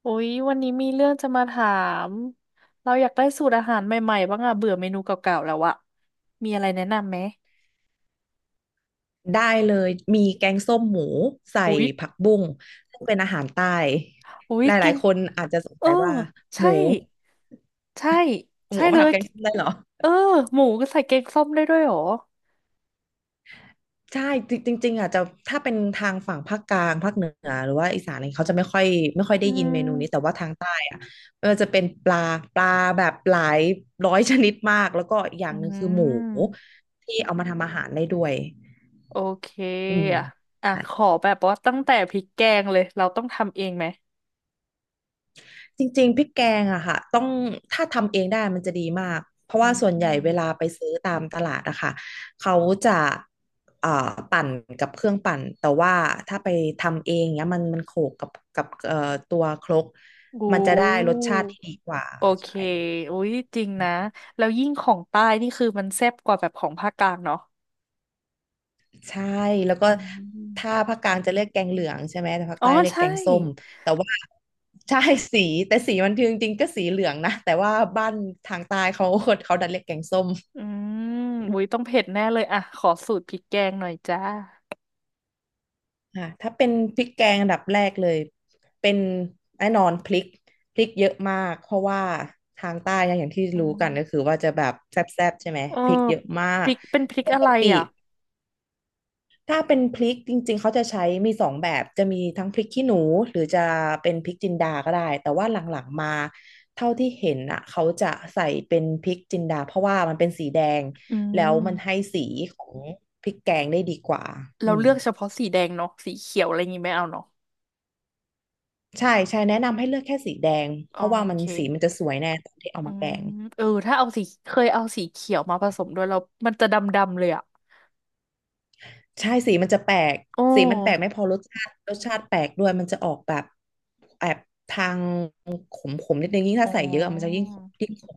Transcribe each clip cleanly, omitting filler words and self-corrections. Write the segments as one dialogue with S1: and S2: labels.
S1: โอ้ยวันนี้มีเรื่องจะมาถาม เราอยากได้สูตรอาหารใหม่ๆบ้างอะเบื่อเมนูเก่าๆแล้วอะมีอะไรแนะนำไหม
S2: ได้เลยมีแกงส้มหมูใส่
S1: อุ้ย
S2: ผักบุ้งซึ่งเป็นอาหารใต้
S1: อุ้ย
S2: ห
S1: แก
S2: ลาย
S1: ง
S2: ๆคนอาจจะสง
S1: เออ
S2: สัยว่าห
S1: ใช่
S2: มู
S1: ใช่
S2: หมู
S1: ใช่
S2: เอา
S1: เล
S2: มาทำ
S1: ย
S2: แกงส้มได้เหรอ
S1: เออหมูก็ใส่แกงส้มได้ด้วยเหรอ
S2: ใช่จริงจริงๆอ่ะจะถ้าเป็นทางฝั่งภาคกลางภาคเหนือหรือว่าอีสานอะไรเขาจะไม่ค่อยได้
S1: อื
S2: ยิน
S1: ม
S2: เมนูนี้แต่ว่าทางใต้อ่ะมันจะเป็นปลาแบบหลายร้อยชนิดมากแล้วก็อีกอย่า
S1: อื
S2: งหนึ่งคือหมู
S1: ม
S2: ที่เอามาทำอาหารได้ด้วย
S1: โอเค
S2: อืม
S1: อะอ่ะขอแบบว่าตั้งแต่พริกแกงเลย เราต้องทำเองไหม
S2: จริงๆพริกแกงอะค่ะต้องถ้าทำเองได้มันจะดีมากเพราะว่าส่วน
S1: อื
S2: ใหญ่เวลา
S1: ม
S2: ไปซื้อตามตลาดอะค่ะเขาจะเอ่อปั่นกับเครื่องปั่นแต่ว่าถ้าไปทำเองเนี้ยมันโขลกกับตัวครก
S1: โอ
S2: มันจะได้ร
S1: ้
S2: สชาติที่ดีกว่า
S1: โอเค
S2: ใช่
S1: อุ้ยจริงนะแล้วยิ่งของใต้นี่คือมันแซ่บกว่าแบบของภาคกลางเนาะ
S2: ใช่แล้วก็
S1: อ๋อ
S2: ถ้าภาคกลางจะเรียกแกงเหลืองใช่ไหมแต่ภาค
S1: อ๋อ
S2: ใต้เรียกแก
S1: ใช่
S2: งส้มแต่ว่าใช่สีแต่สีมันจริงๆก็สีเหลืองนะแต่ว่าบ้านทางใต้เขาดันเรียกแกงส้ม
S1: อืมอุ้ยต้องเผ็ดแน่เลยอ่ะขอสูตรพริกแกงหน่อยจ้า
S2: ค่ะถ้าเป็นพริกแกงอันดับแรกเลยเป็นแน่นอนพริกเยอะมากเพราะว่าทางใต้เนี่ยอย่างที่
S1: อื
S2: รู้
S1: ม
S2: กันก็คือว่าจะแบบแซ่บๆใช่ไหม
S1: เออ
S2: พริกเยอะมา
S1: พ
S2: ก
S1: ริกเป็นพริก
S2: ป
S1: อะ
S2: ก
S1: ไร
S2: ติ
S1: อ่ะ
S2: ถ้าเป็นพริกจริงๆเขาจะใช้มีสองแบบจะมีทั้งพริกขี้หนูหรือจะเป็นพริกจินดาก็ได้แต่ว่าหลังๆมาเท่าที่เห็นอ่ะเขาจะใส่เป็นพริกจินดาเพราะว่ามันเป็นสีแดง
S1: อื
S2: แล้วมันให้
S1: ม
S2: สีของพริกแกงได้ดีกว่าอื
S1: เรา
S2: ม
S1: เลือกเฉพาะสีแดงเนาะสีเขียวอะไรงี้ไม่เอาเนาะ
S2: ใช่ใช่แนะนำให้เลือกแค่สีแดงเพ
S1: อ๋อ
S2: ราะว่า
S1: โอ
S2: มัน
S1: เค
S2: สีมันจะสวยแน่ตอนที่เอา
S1: อื
S2: มาแก
S1: ม
S2: ง
S1: เออถ้าเอาสีเคยเอาสีเขียวมาผสมด้วยแล้วมันจะดำๆเลยอ่ะ
S2: ใช่สีมันจะแปลก
S1: โอ้
S2: สีมันแปลกไม่พอรสชาติแปลกด้วยมันจะออกแบบแอบทางขมนิดนึงยิ่ง
S1: อ๋
S2: ถ้าใส่เยอะมันจะ
S1: อ
S2: ยิ่งขม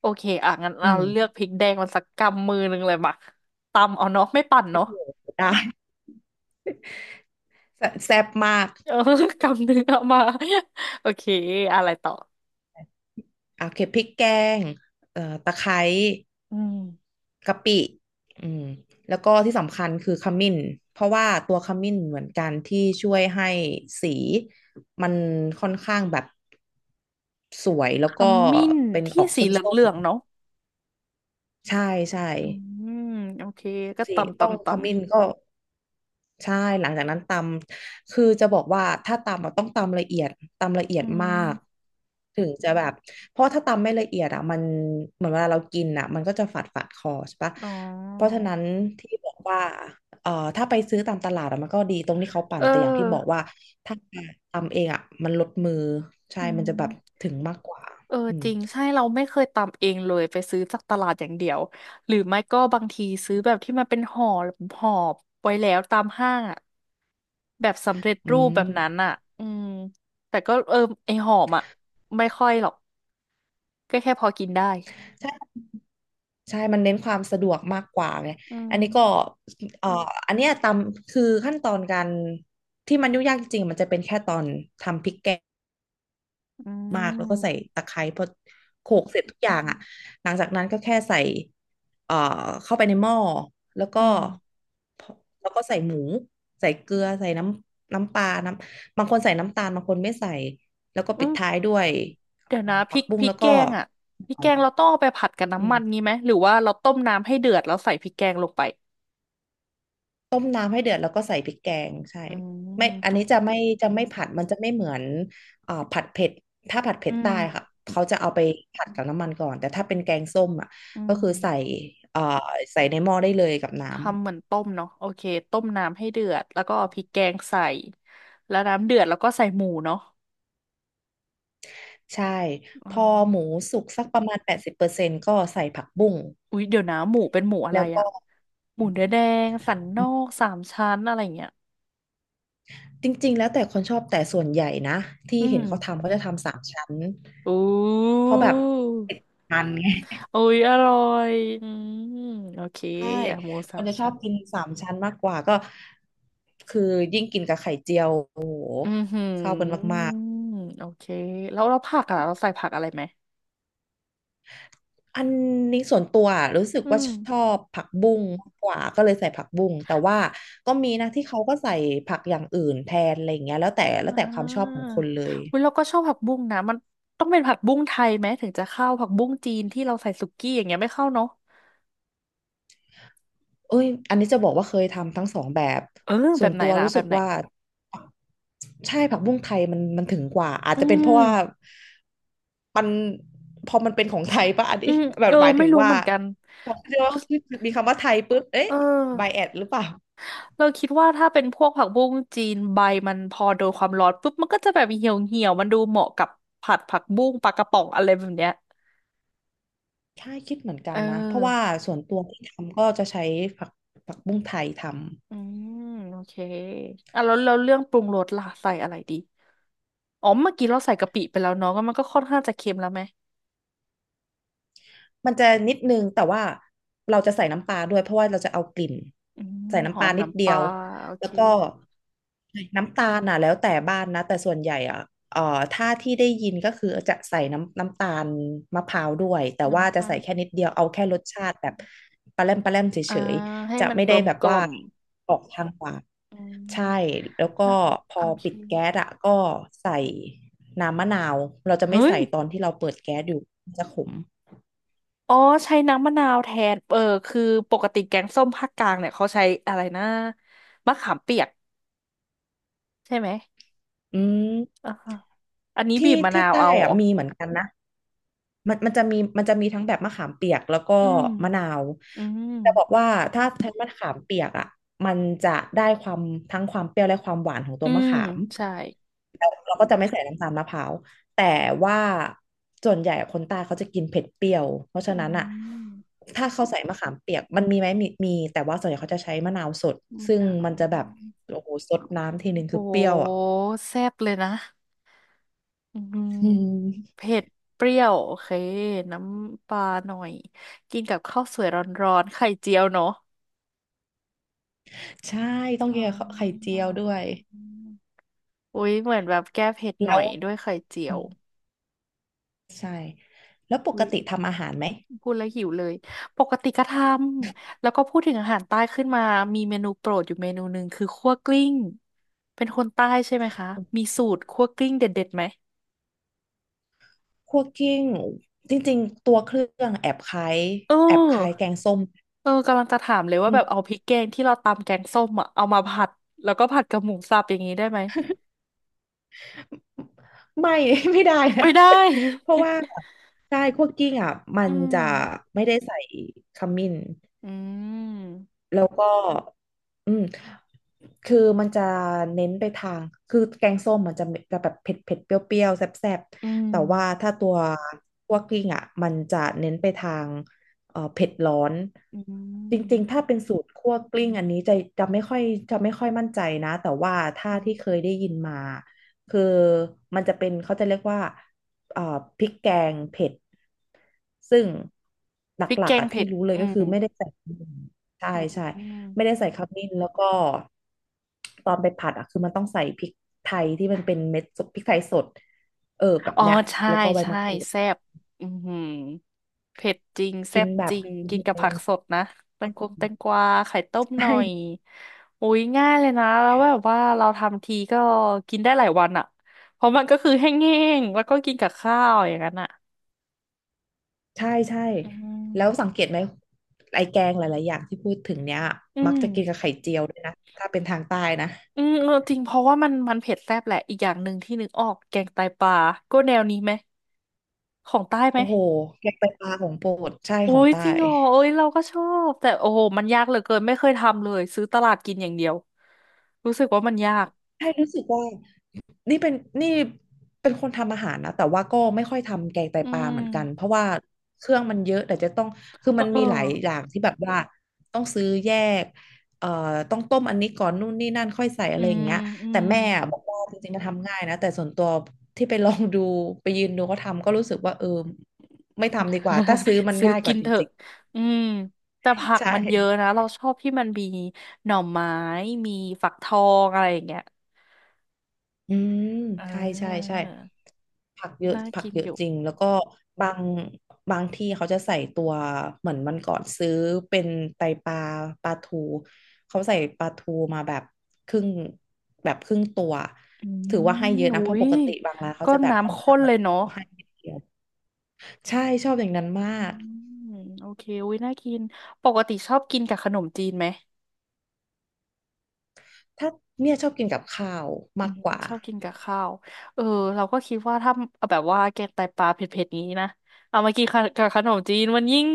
S1: โอเคอ่ะงั้น
S2: อื
S1: เรา
S2: ม
S1: เลือกพริกแดงมนสักกำมือหนึ่งเลยมาตำเอาเนาะไม่ปั่นเนาะ
S2: ได้แซ่บแซ่บมาก
S1: เออกำหนึ่งเอามาโอเคอะไรต่อ
S2: อ่ะโอเก็บพริกแกงตะไคร้
S1: อืม
S2: กะปิอืมแล้วก็ที่สำคัญคือขมิ้นเพราะว่าตัวขมิ้นเหมือนกันที่ช่วยให้สีมันค่อนข้างแบบ สวยแล้
S1: ข
S2: วก็
S1: มิ้น
S2: เป็นอ
S1: ที่
S2: อก
S1: สี
S2: ส้
S1: เห
S2: ม
S1: ลืองๆเนาะ
S2: ๆใช่ใช่
S1: อืมโอเคก็
S2: สิ
S1: ตำ
S2: ต้อง
S1: ตำต
S2: ขมิ้นก็ใช่หลังจากนั้นตำคือจะบอกว่าถ้าตำอะต้องตำละเอียดตำละเอี
S1: ำ
S2: ย
S1: อื
S2: ดมา
S1: ม
S2: กถึงจะแบบเพราะถ้าตำไม่ละเอียดอ่ะมันเหมือนเวลาเรากินอ่ะมันก็จะฝาดคอใช่ปะ
S1: อ๋อ
S2: เพราะฉะนั้นที่บอกว่าเอ่อถ้าไปซื้อตามตลาดอะมันก็ดีตรงที่เขาปั่
S1: เอ
S2: นแต่อย่างที่บอก
S1: อ
S2: ว่าถ้าทำเองอ่ะมันลดมือใช่
S1: อื
S2: มันจะแบบ
S1: ม
S2: ถึงมากกว่า
S1: เออ
S2: อืม
S1: จริงใช่เราไม่เคยตำเองเลยไปซื้อจากตลาดอย่างเดียวหรือไม่ก็บางทีซื้อแบบที่มันเป็นห่อไว้แล้วตามห้างอ่ะ แบบสำเร็จ
S2: อื
S1: รูปแบบนั้น
S2: ม
S1: อ่ะอืมแต่ก็เออไอหอมอ่ะไม่ค่อยหรอกก็แค่พอกินได้
S2: ใช่ ใช่มันเน้นความสะดวกมากกว่าไง
S1: อื
S2: อั
S1: ม
S2: นนี้ก็เอ่ออันเนี้ยตำคือขั้นตอนการที่มันยุ่งยากจริงๆมันจะเป็นแค่ตอนทำพริกแกง
S1: อื
S2: มากแล้วก็ใส่
S1: ม
S2: ตะไคร้พอโขลกเสร็จทุกอย่างอ่ะ หลังจากนั้นก็แค่ใส่เอ่อเข้าไปในหม้อแล้วก็
S1: อืม
S2: แล้วก็ใส่หมูใส่เกลือใส่น้ำปลาบางคนใส่น้ำตาลบางคนไม่ใส่ แล้วก็
S1: อื
S2: ปิด
S1: ม
S2: ท้ายด้วย
S1: เดี๋ยวนะพ
S2: ผั
S1: ริ
S2: ก
S1: ก
S2: บุ้
S1: พ
S2: ง
S1: ริก
S2: แล้ว
S1: แก
S2: ก็
S1: งอ่ะพริกแกงเราต้องเอาไปผัดกับ
S2: อื
S1: น้ำมัน
S2: ม
S1: งี้ไหมหรือว่าเราต้มน้ำให้เดือดแล้วใส่พริกแกงลงไป
S2: ต้มน้ำให้เดือดแล้วก็ใส่พริกแกงใช่
S1: อืม
S2: ไม่อัน
S1: ต้ม
S2: นี้จะไม่ผัดมันจะไม่เหมือนอ่าผัดเผ็ดถ้าผัดเผ็
S1: อื
S2: ดใต้
S1: ม
S2: ค่ะเขาจะเอาไปผัดกับน้ำมันก่อนแต่ถ้าเป็นแกงส้มอ่ะ
S1: อื
S2: ก็
S1: ม
S2: คือใส่อ่าใส่ในหม้อได้เลยกับน้ำ
S1: ทำเหมือนต้มเนาะโอเคต้มน้ำให้เดือดแล้วก็เอาพริกแกงใส่แล้วน้ำเดือดแล้วก็ใส่หมูเนาะ
S2: ใช่
S1: อื
S2: พอหมู
S1: ม
S2: สุกสักประมาณ80%ก็ใส่ผักบุ้ง
S1: อุ๊ยเดี๋ยวนะหมูเป็นหมูอะ
S2: แล้
S1: ไร
S2: วก็
S1: อะหมูเนื้อแดงสันน
S2: อื
S1: อ
S2: ม
S1: กสามชั้นอะไรอย่างเงี้ย
S2: จริงๆแล้วแต่คนชอบแต่ส่วนใหญ่นะที่
S1: อื
S2: เห็
S1: ม
S2: นเขาทำเขาจะทำสามชั้น
S1: อู
S2: เพ
S1: ้
S2: ราะแบบมันไง
S1: อุ๊ยอร่อยอืมโอเค
S2: ใช่
S1: อะหมู
S2: ค
S1: สา
S2: น
S1: ม
S2: จะชอ
S1: ชั้
S2: บ
S1: น
S2: กินสามชั้นมากกว่าก็คือยิ่งกินกับไข่เจียวโอ้โห
S1: อือหื
S2: เข้ากัน
S1: อ
S2: มาก
S1: โอเคแล้วเราผักอะเราใส่ผักอะไรไหม
S2: ๆอันนี้ส่วนตัวรู้สึก
S1: อื
S2: ว่า
S1: ม
S2: ชอบผักบุ้งมากกว่าก็เลยใส่ผักบุ้งแต่ว่าก็มีนะที่เขาก็ใส่ผักอย่างอื่นแทนอะไรอย่างเงี้ยแล้วแต่แล้
S1: อ่
S2: วแต่ความชอบของ
S1: า
S2: คนเลย
S1: อุ๊ยเราก็ชอบผักบุ้งนะมันต้องเป็นผักบุ้งไทยไหมถึงจะเข้าผักบุ้งจีนที่เราใส่สุกี้อย่างเงี้ยไม่เข้าเนาะ
S2: เอ้ยอันนี้จะบอกว่าเคยทำทั้งสองแบบ
S1: เออแบ
S2: ส่ว
S1: บ
S2: น
S1: ไหน
S2: ตัว
S1: ล่ะ
S2: รู้
S1: แบ
S2: สึ
S1: บ
S2: ก
S1: ไหน
S2: ว่าใช่ผักบุ้งไทยมันถึงกว่าอาจ
S1: อื
S2: จะเป็นเพราะ
S1: ม
S2: ว่ามันพอมันเป็นของไทยป่ะอัน
S1: อื
S2: นี้
S1: ม
S2: แบ
S1: เอ
S2: บ
S1: อ
S2: หมาย
S1: ไม่
S2: ถึง
S1: รู้เห
S2: ว่า
S1: มือนกัน
S2: พอเรียกว่าขึ้นมีคำว่าไทยปุ๊บเอ๊ะ
S1: เอ
S2: ไบ
S1: อ
S2: แอดหรือเปล่า
S1: เราคิดว่าถ้าเป็นพวกผักบุ้งจีนใบมันพอโดนความร้อนปุ๊บมันก็จะแบบเหี่ยวเหี่ยวมันดูเหมาะกับผัดผักบุ้งปลากระป๋องอะไรแบบเนี้ย
S2: ใช่คิดเหมือนกั
S1: เอ
S2: นนะเพราะว่า
S1: อ
S2: ส่วนตัวที่ทำก็จะใช้ผักผักบุ้งไทยทำ
S1: อืมโอเคอ่ะแล้วแล้วเรื่องปรุงรสล่ะใส่อะไรดีอ๋อเมื่อกี้เราใส่กะปิไปแล้วเนาะก็มันก็ค่อนข้างจะเค็มแล้วไหม
S2: มันจะนิดนึงแต่ว่าเราจะใส่น้ำปลาด้วยเพราะว่าเราจะเอากลิ่น
S1: อืม
S2: ใส่
S1: ห
S2: น้ำ
S1: อ
S2: ปลา
S1: ม
S2: นิด
S1: น้ำป
S2: เดีย
S1: ลา
S2: ว
S1: โอเค
S2: แล้วก็น้ำตาลน่ะแล้วแต่บ้านนะแต่ส่วนใหญ่อ่ะเอ่อถ้าที่ได้ยินก็คือจะใส่น้ำตาลมะพร้าวด้วยแต่ว่า
S1: น้ำ
S2: จะ
S1: ตาล
S2: ใส่แค่นิดเดียวเอาแค่รสชาติแบบปลาแรมเฉ
S1: อ่า
S2: ย
S1: ให้
S2: ๆจะ
S1: มัน
S2: ไม่
S1: ก
S2: ได้
S1: ลม
S2: แบบ
S1: กล่
S2: ว่า
S1: อม
S2: ออกทางหวาน
S1: อื
S2: ใช่
S1: ม
S2: แล้วก็
S1: นะ
S2: พอ
S1: โอเค
S2: ปิดแก๊สอ่ะก็ใส่น้ำมะนาวเราจะ
S1: เฮ้
S2: ไม่
S1: ย
S2: ใส่ตอนที่เราเปิดแก๊สอยู่มันจะขม
S1: อ๋อใช้น้ำมะนาวแทน เออคือปกติแกงส้มภาคกลางเนี่ยเขาใช้อะไรนะมะขามเปียกใช่ไหม
S2: อืม
S1: อ่าฮะอันนี้บี
S2: ที่
S1: บมะ
S2: ที่
S1: นาว
S2: ใต้
S1: เอาเหร
S2: อะ
S1: อ
S2: มีเหมือนกันนะมันจะมีมันจะมีทั้งแบบมะขามเปียกแล้วก็
S1: อืม
S2: มะนาว
S1: อืม
S2: จะบอกว่าถ้าใช้มะขามเปียกอ่ะมันจะได้ความทั้งความเปรี้ยวและความหวานของตั
S1: อื
S2: วมะ
S1: ม
S2: ขาม
S1: ใช่
S2: แล้วเราก็จะไม่ใส่น้ำตาลมะพร้าวแต่ว่าส่วนใหญ่คนใต้เขาจะกินเผ็ดเปรี้ยวเพราะฉะ
S1: อื
S2: นั้นอ่ะ
S1: ม
S2: ถ้าเขาใส่มะขามเปียกมันมีไหมมีมีแต่ว่าส่วนใหญ่เขาจะใช้มะนาวสด
S1: มะ
S2: ซึ่ง
S1: นา
S2: มั
S1: ว
S2: นจะแบบโอ้โหสดน้ำทีนึง
S1: โอ
S2: คือเปรี้ยว
S1: ้
S2: อ่ะ
S1: แซ่บเลยนะ อืม
S2: อืม
S1: เผ็ดเปรี้ยวโอเคน้ำปลาหน่อยกินกับข้าวสวยร้อนๆไข่เจียวเนาะ
S2: ใช่ ต้อง
S1: อ๋อ
S2: กินกับข้าวไข่เจียวด้วย
S1: อุ้ยเหมือนแบบแก้เผ็ดห
S2: แล้
S1: น่อ
S2: ว
S1: ยด้วยไข่เจี
S2: อื
S1: ยว
S2: มใช่ แล้วปก
S1: อุ๊ย
S2: ติทำอาหารไหม
S1: พูดแล้วหิวเลยปกติก็ทำแล้วก็พูดถึงอาหารใต้ขึ้นมามีเมนูโปรดอยู่เมนูหนึ่งคือคั่วกลิ้ง เป็นคนใต้ใช่ไหมคะ มีสูตรคั่วกลิ้งเด็ดๆไหม
S2: คั่วกิ้ง จริงๆ ตัวเครื่องแอบคล้าย
S1: เ
S2: แอบคล้าย
S1: อ
S2: แก
S1: อ
S2: งส้ม
S1: เออกำลังจะถามเลยว่า
S2: อื
S1: แบ
S2: ม
S1: บเอาพริกแกงที่เราตำแกงส้มอะเอามาผัดแล้วก็ผัดกับหมูสับอย่างนี้ได้ไหม
S2: ไม่ ไม่ได้นะ
S1: ไม่ได้
S2: เพราะว่าใช่คั่วกิ้งอ่ะมั
S1: อื
S2: นจะ
S1: ม
S2: ไม่ได้ใส่ขมิ้น
S1: อืม
S2: แล้วก็อืมคือมันจะเน้นไปทางคือแกงส้มมันจะจะแบบเผ็ดเผ็ดเปรี้ยวๆแซ่บ
S1: อื
S2: ๆแต่ว่า
S1: ม
S2: ถ้าตัวคั่วกลิ้งอ่ะมันจะเน้นไปทางเผ็ดร้อน
S1: อื
S2: จริงๆ
S1: ม
S2: ถ้าเป็นสูตรคั่วกลิ้งอันนี้จะจะไม่ค่อยจะไม่ค่อยมั่นใจนะแต่ว่าถ้า
S1: อื
S2: ที่เค
S1: ม
S2: ยได้ยินมาคือมันจะเป็นเขาจะเรียกว่าเอ่อพริกแกงเผ็ดซึ่งหล
S1: พริก
S2: ั
S1: แก
S2: กๆ
S1: ง
S2: อ่ะ
S1: เผ็
S2: ที่
S1: ด
S2: รู้เลย
S1: อื
S2: ก็คือ
S1: ม
S2: ไม่ได้ใส่ ใช่ใช่
S1: อืม
S2: ไม่ได้ใส่ขมิ้นแล้วก็ตอนไปผัดอ่ะคือมันต้องใส่พริกไทยที่มันเป็นเม็ดสดพริกไทยสดเออแบบ
S1: อ๋อ
S2: เนี้ย
S1: ใช่
S2: แล้วก็ใบ
S1: ใช่
S2: มะกรูด
S1: แซ่บอือหือเผ็ดจริงแซ่
S2: กิน
S1: บ
S2: แบ
S1: จ
S2: บ
S1: ริง
S2: ที
S1: กินกับ
S2: นึ
S1: ผั
S2: ง
S1: กสดนะแตงกวงแตงกวาไข่ต้ม
S2: ใช
S1: หน่อย
S2: ่
S1: อุ้ยง่ายเลยนะแล้วแบบว่าเราทำทีก็กินได้หลายวันอ่ะเพราะมันก็คือแห้งๆแล้วก็กินกับข้าวอย่างนั้นอ่ะ
S2: ใช่ใช่
S1: อื
S2: แล้วสั
S1: ม
S2: งเกตไหมไอแกงหลายๆอย่างที่พูดถึงเนี้ย
S1: อื
S2: มัก
S1: ม
S2: จะกินกับไข่เจียวด้วยนะถ้าเป็นทางใต้นะ
S1: อืมเออจริงเพราะว่ามันเผ็ดแซ่บแหละอีกอย่างหนึ่งที่นึกออกแกงไตปลาก็แนวนี้ไหมของใต้ไหม
S2: โอ้โหแกงไตปลาของโปรดใช่
S1: โอ้
S2: ของ
S1: ย
S2: ใต้
S1: จริงเหรอเอ้ยเราก็ชอบแต่โอ้โหมันยากเหลือเกินไม่เคยทำเลยซื้อตลาดกินอย่างเดียวรู้สึกว่ามันยาก
S2: ใช่รู้สึกว่า นี่เป็นนี่เป็นคนทำอาหารนะแต่ว่าก็ไม่ค่อยทำแกงไต
S1: อื
S2: ปลา
S1: ม
S2: เหมือนกันเพราะว่าเครื่องมันเยอะแต่จะต้องคือมัน
S1: เออ
S2: มีหลายอย่างที่แบบว่าต้องซื้อแยกเอ่อต้องต้มอันนี้ก่อนนู่นนี่นั่นค่อยใส่อะ
S1: อื
S2: ไรอย่าง
S1: ม
S2: เงี้ย
S1: อื
S2: แต่
S1: ม
S2: แม่บอกว่าจริงๆมันทำง่ายนะแต่ส่วนตัวที่ไปลองดูไปยืนดูเขาทำก็รู้สึกว่าเออไม่ทำดีกว่าถ้าซื้อ มัน
S1: ซื้อ
S2: ง่ายก
S1: กิ
S2: ว่า
S1: น
S2: จ
S1: เถอะ
S2: ริง
S1: อืมแต่ผั
S2: ๆ
S1: ก
S2: ใช่
S1: มันเยอะนะเราชอบที่มันมีหน่อไม้มีฝักทองอะไรอย่างเงี้ย
S2: อืม
S1: อ่
S2: ใช่ใช่
S1: า
S2: ใช่ผักเยอะ
S1: น่า
S2: ผัก
S1: กิน
S2: เย
S1: อ
S2: อะ
S1: ยู่
S2: จริงแล้วก็บางบางที่เขาจะใส่ตัวเหมือนมันก่อนซื้อเป็นไตปลาปลาทูเขาใส่ปลาทูมาแบบครึ่งแบบครึ่งตัว
S1: อื
S2: ถือว่าให้เย
S1: ม
S2: อะนะ
S1: อุ้
S2: เพราะป
S1: ย
S2: กติบางร้านเขา
S1: ก็
S2: จะแบบค่อน
S1: น้ำข้
S2: ข้าง
S1: น
S2: แบ
S1: เล
S2: บ
S1: ยเนาะ
S2: ให้นิดเดียวใช่ชอบอย่างนั้นมา
S1: อืม
S2: ก
S1: โอเคอุ้ยน่ากินปกติชอบกินกับขนมจีนไหม
S2: ถ้าเนี่ยชอบกินกับข้าว
S1: อื
S2: มาก
S1: ม
S2: กว่า
S1: ชอบกินกับข้าวเออเราก็คิดว่าถ้าแบบว่าแกงไตปลาเผ็ดๆนี้นะเอามากินกับขนมจีนมันยิ่ง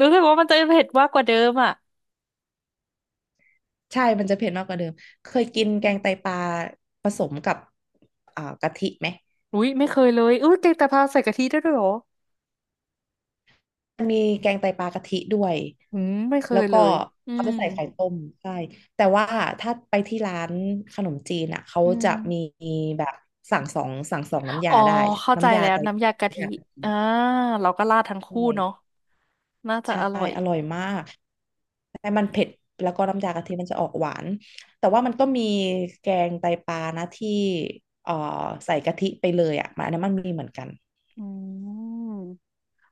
S1: รู้สึกว่ามันจะเผ็ดมากกว่าเดิมอ่ะ
S2: ใช่มันจะเผ็ดมากกว่าเดิมเคย
S1: อื
S2: กินแก
S1: ม
S2: งไตปลาผสมกับอ่ากะทิไหม
S1: อุ้ยไม่เคยเลยอุ้ยแกงไตปลาใส่กะทิได้ด้วยเหรอ
S2: มันมีแกงไตปลากะทิด้วย
S1: อืมไม่เค
S2: แล้ว
S1: ยเล
S2: ก็
S1: ยอื
S2: เขา
S1: ม
S2: จะใส่ไข่ต้มใช่แต่ว่าถ้าไปที่ร้านขนมจีนอ่ะเขา
S1: อื
S2: จะมี
S1: ม
S2: แบบสั่งสองน้ำยา
S1: อ๋อ
S2: ได้
S1: เข้าใจ
S2: น้ำยา
S1: แล้ว
S2: ไตป
S1: น้ำยา
S2: ลา
S1: กะ
S2: เนี่
S1: ทิ
S2: ย
S1: อ่าเราก็ราดทั้ง
S2: ใช
S1: คู่เนาะ
S2: ่
S1: น่าจะ
S2: ใช่
S1: อร่อย
S2: อร่อยมากแต่มันเผ็ดแล้วก็น้ำยากะทิมันจะออกหวานแต่ว่ามันก็มีแกงไตปลานะที่เอ่อใส่กะทิไปเลยอ่ะมันอันนั้นมันมีเหมือนกัน
S1: อืม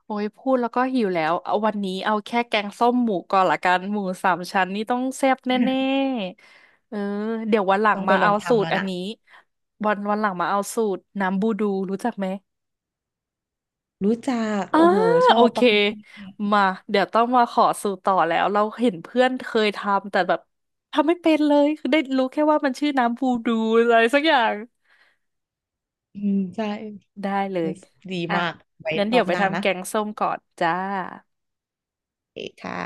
S1: โอ้ยพูดแล้วก็หิวแล้วเอาวันนี้เอาแค่แกงส้มหมูก่อนละกันหมูสามชั้นนี่ต้องแซ่บแน่ๆเออเดี๋ยววันหลั ง
S2: ต้องไป
S1: มา
S2: ลอ
S1: เอา
S2: ง
S1: สู
S2: ทำ
S1: ต
S2: แล้
S1: ร
S2: ว
S1: อัน
S2: นะ
S1: นี้วันหลังมาเอาสูตรน้ำบูดูรู้จักไหม
S2: รู้จัก
S1: อ่า
S2: โอ้โหชอ
S1: โอ
S2: บ
S1: เค
S2: ปัก
S1: มาเดี๋ยวต้องมาขอสูตรต่อแล้วเราเห็นเพื่อนเคยทำแต่แบบทำไม่เป็นเลยคือได้รู้แค่ว่ามันชื่อน้ำบูดูอะไรสักอย่าง
S2: อืมใช่
S1: ได้เลย
S2: ดี
S1: อ่ะ
S2: มากไว้
S1: งั้น
S2: ร
S1: เดี๋
S2: อ
S1: ยว
S2: บ
S1: ไป
S2: หน้า
S1: ทำ
S2: นะ
S1: แกงส้มก่อนจ้า
S2: โอเคค่ะ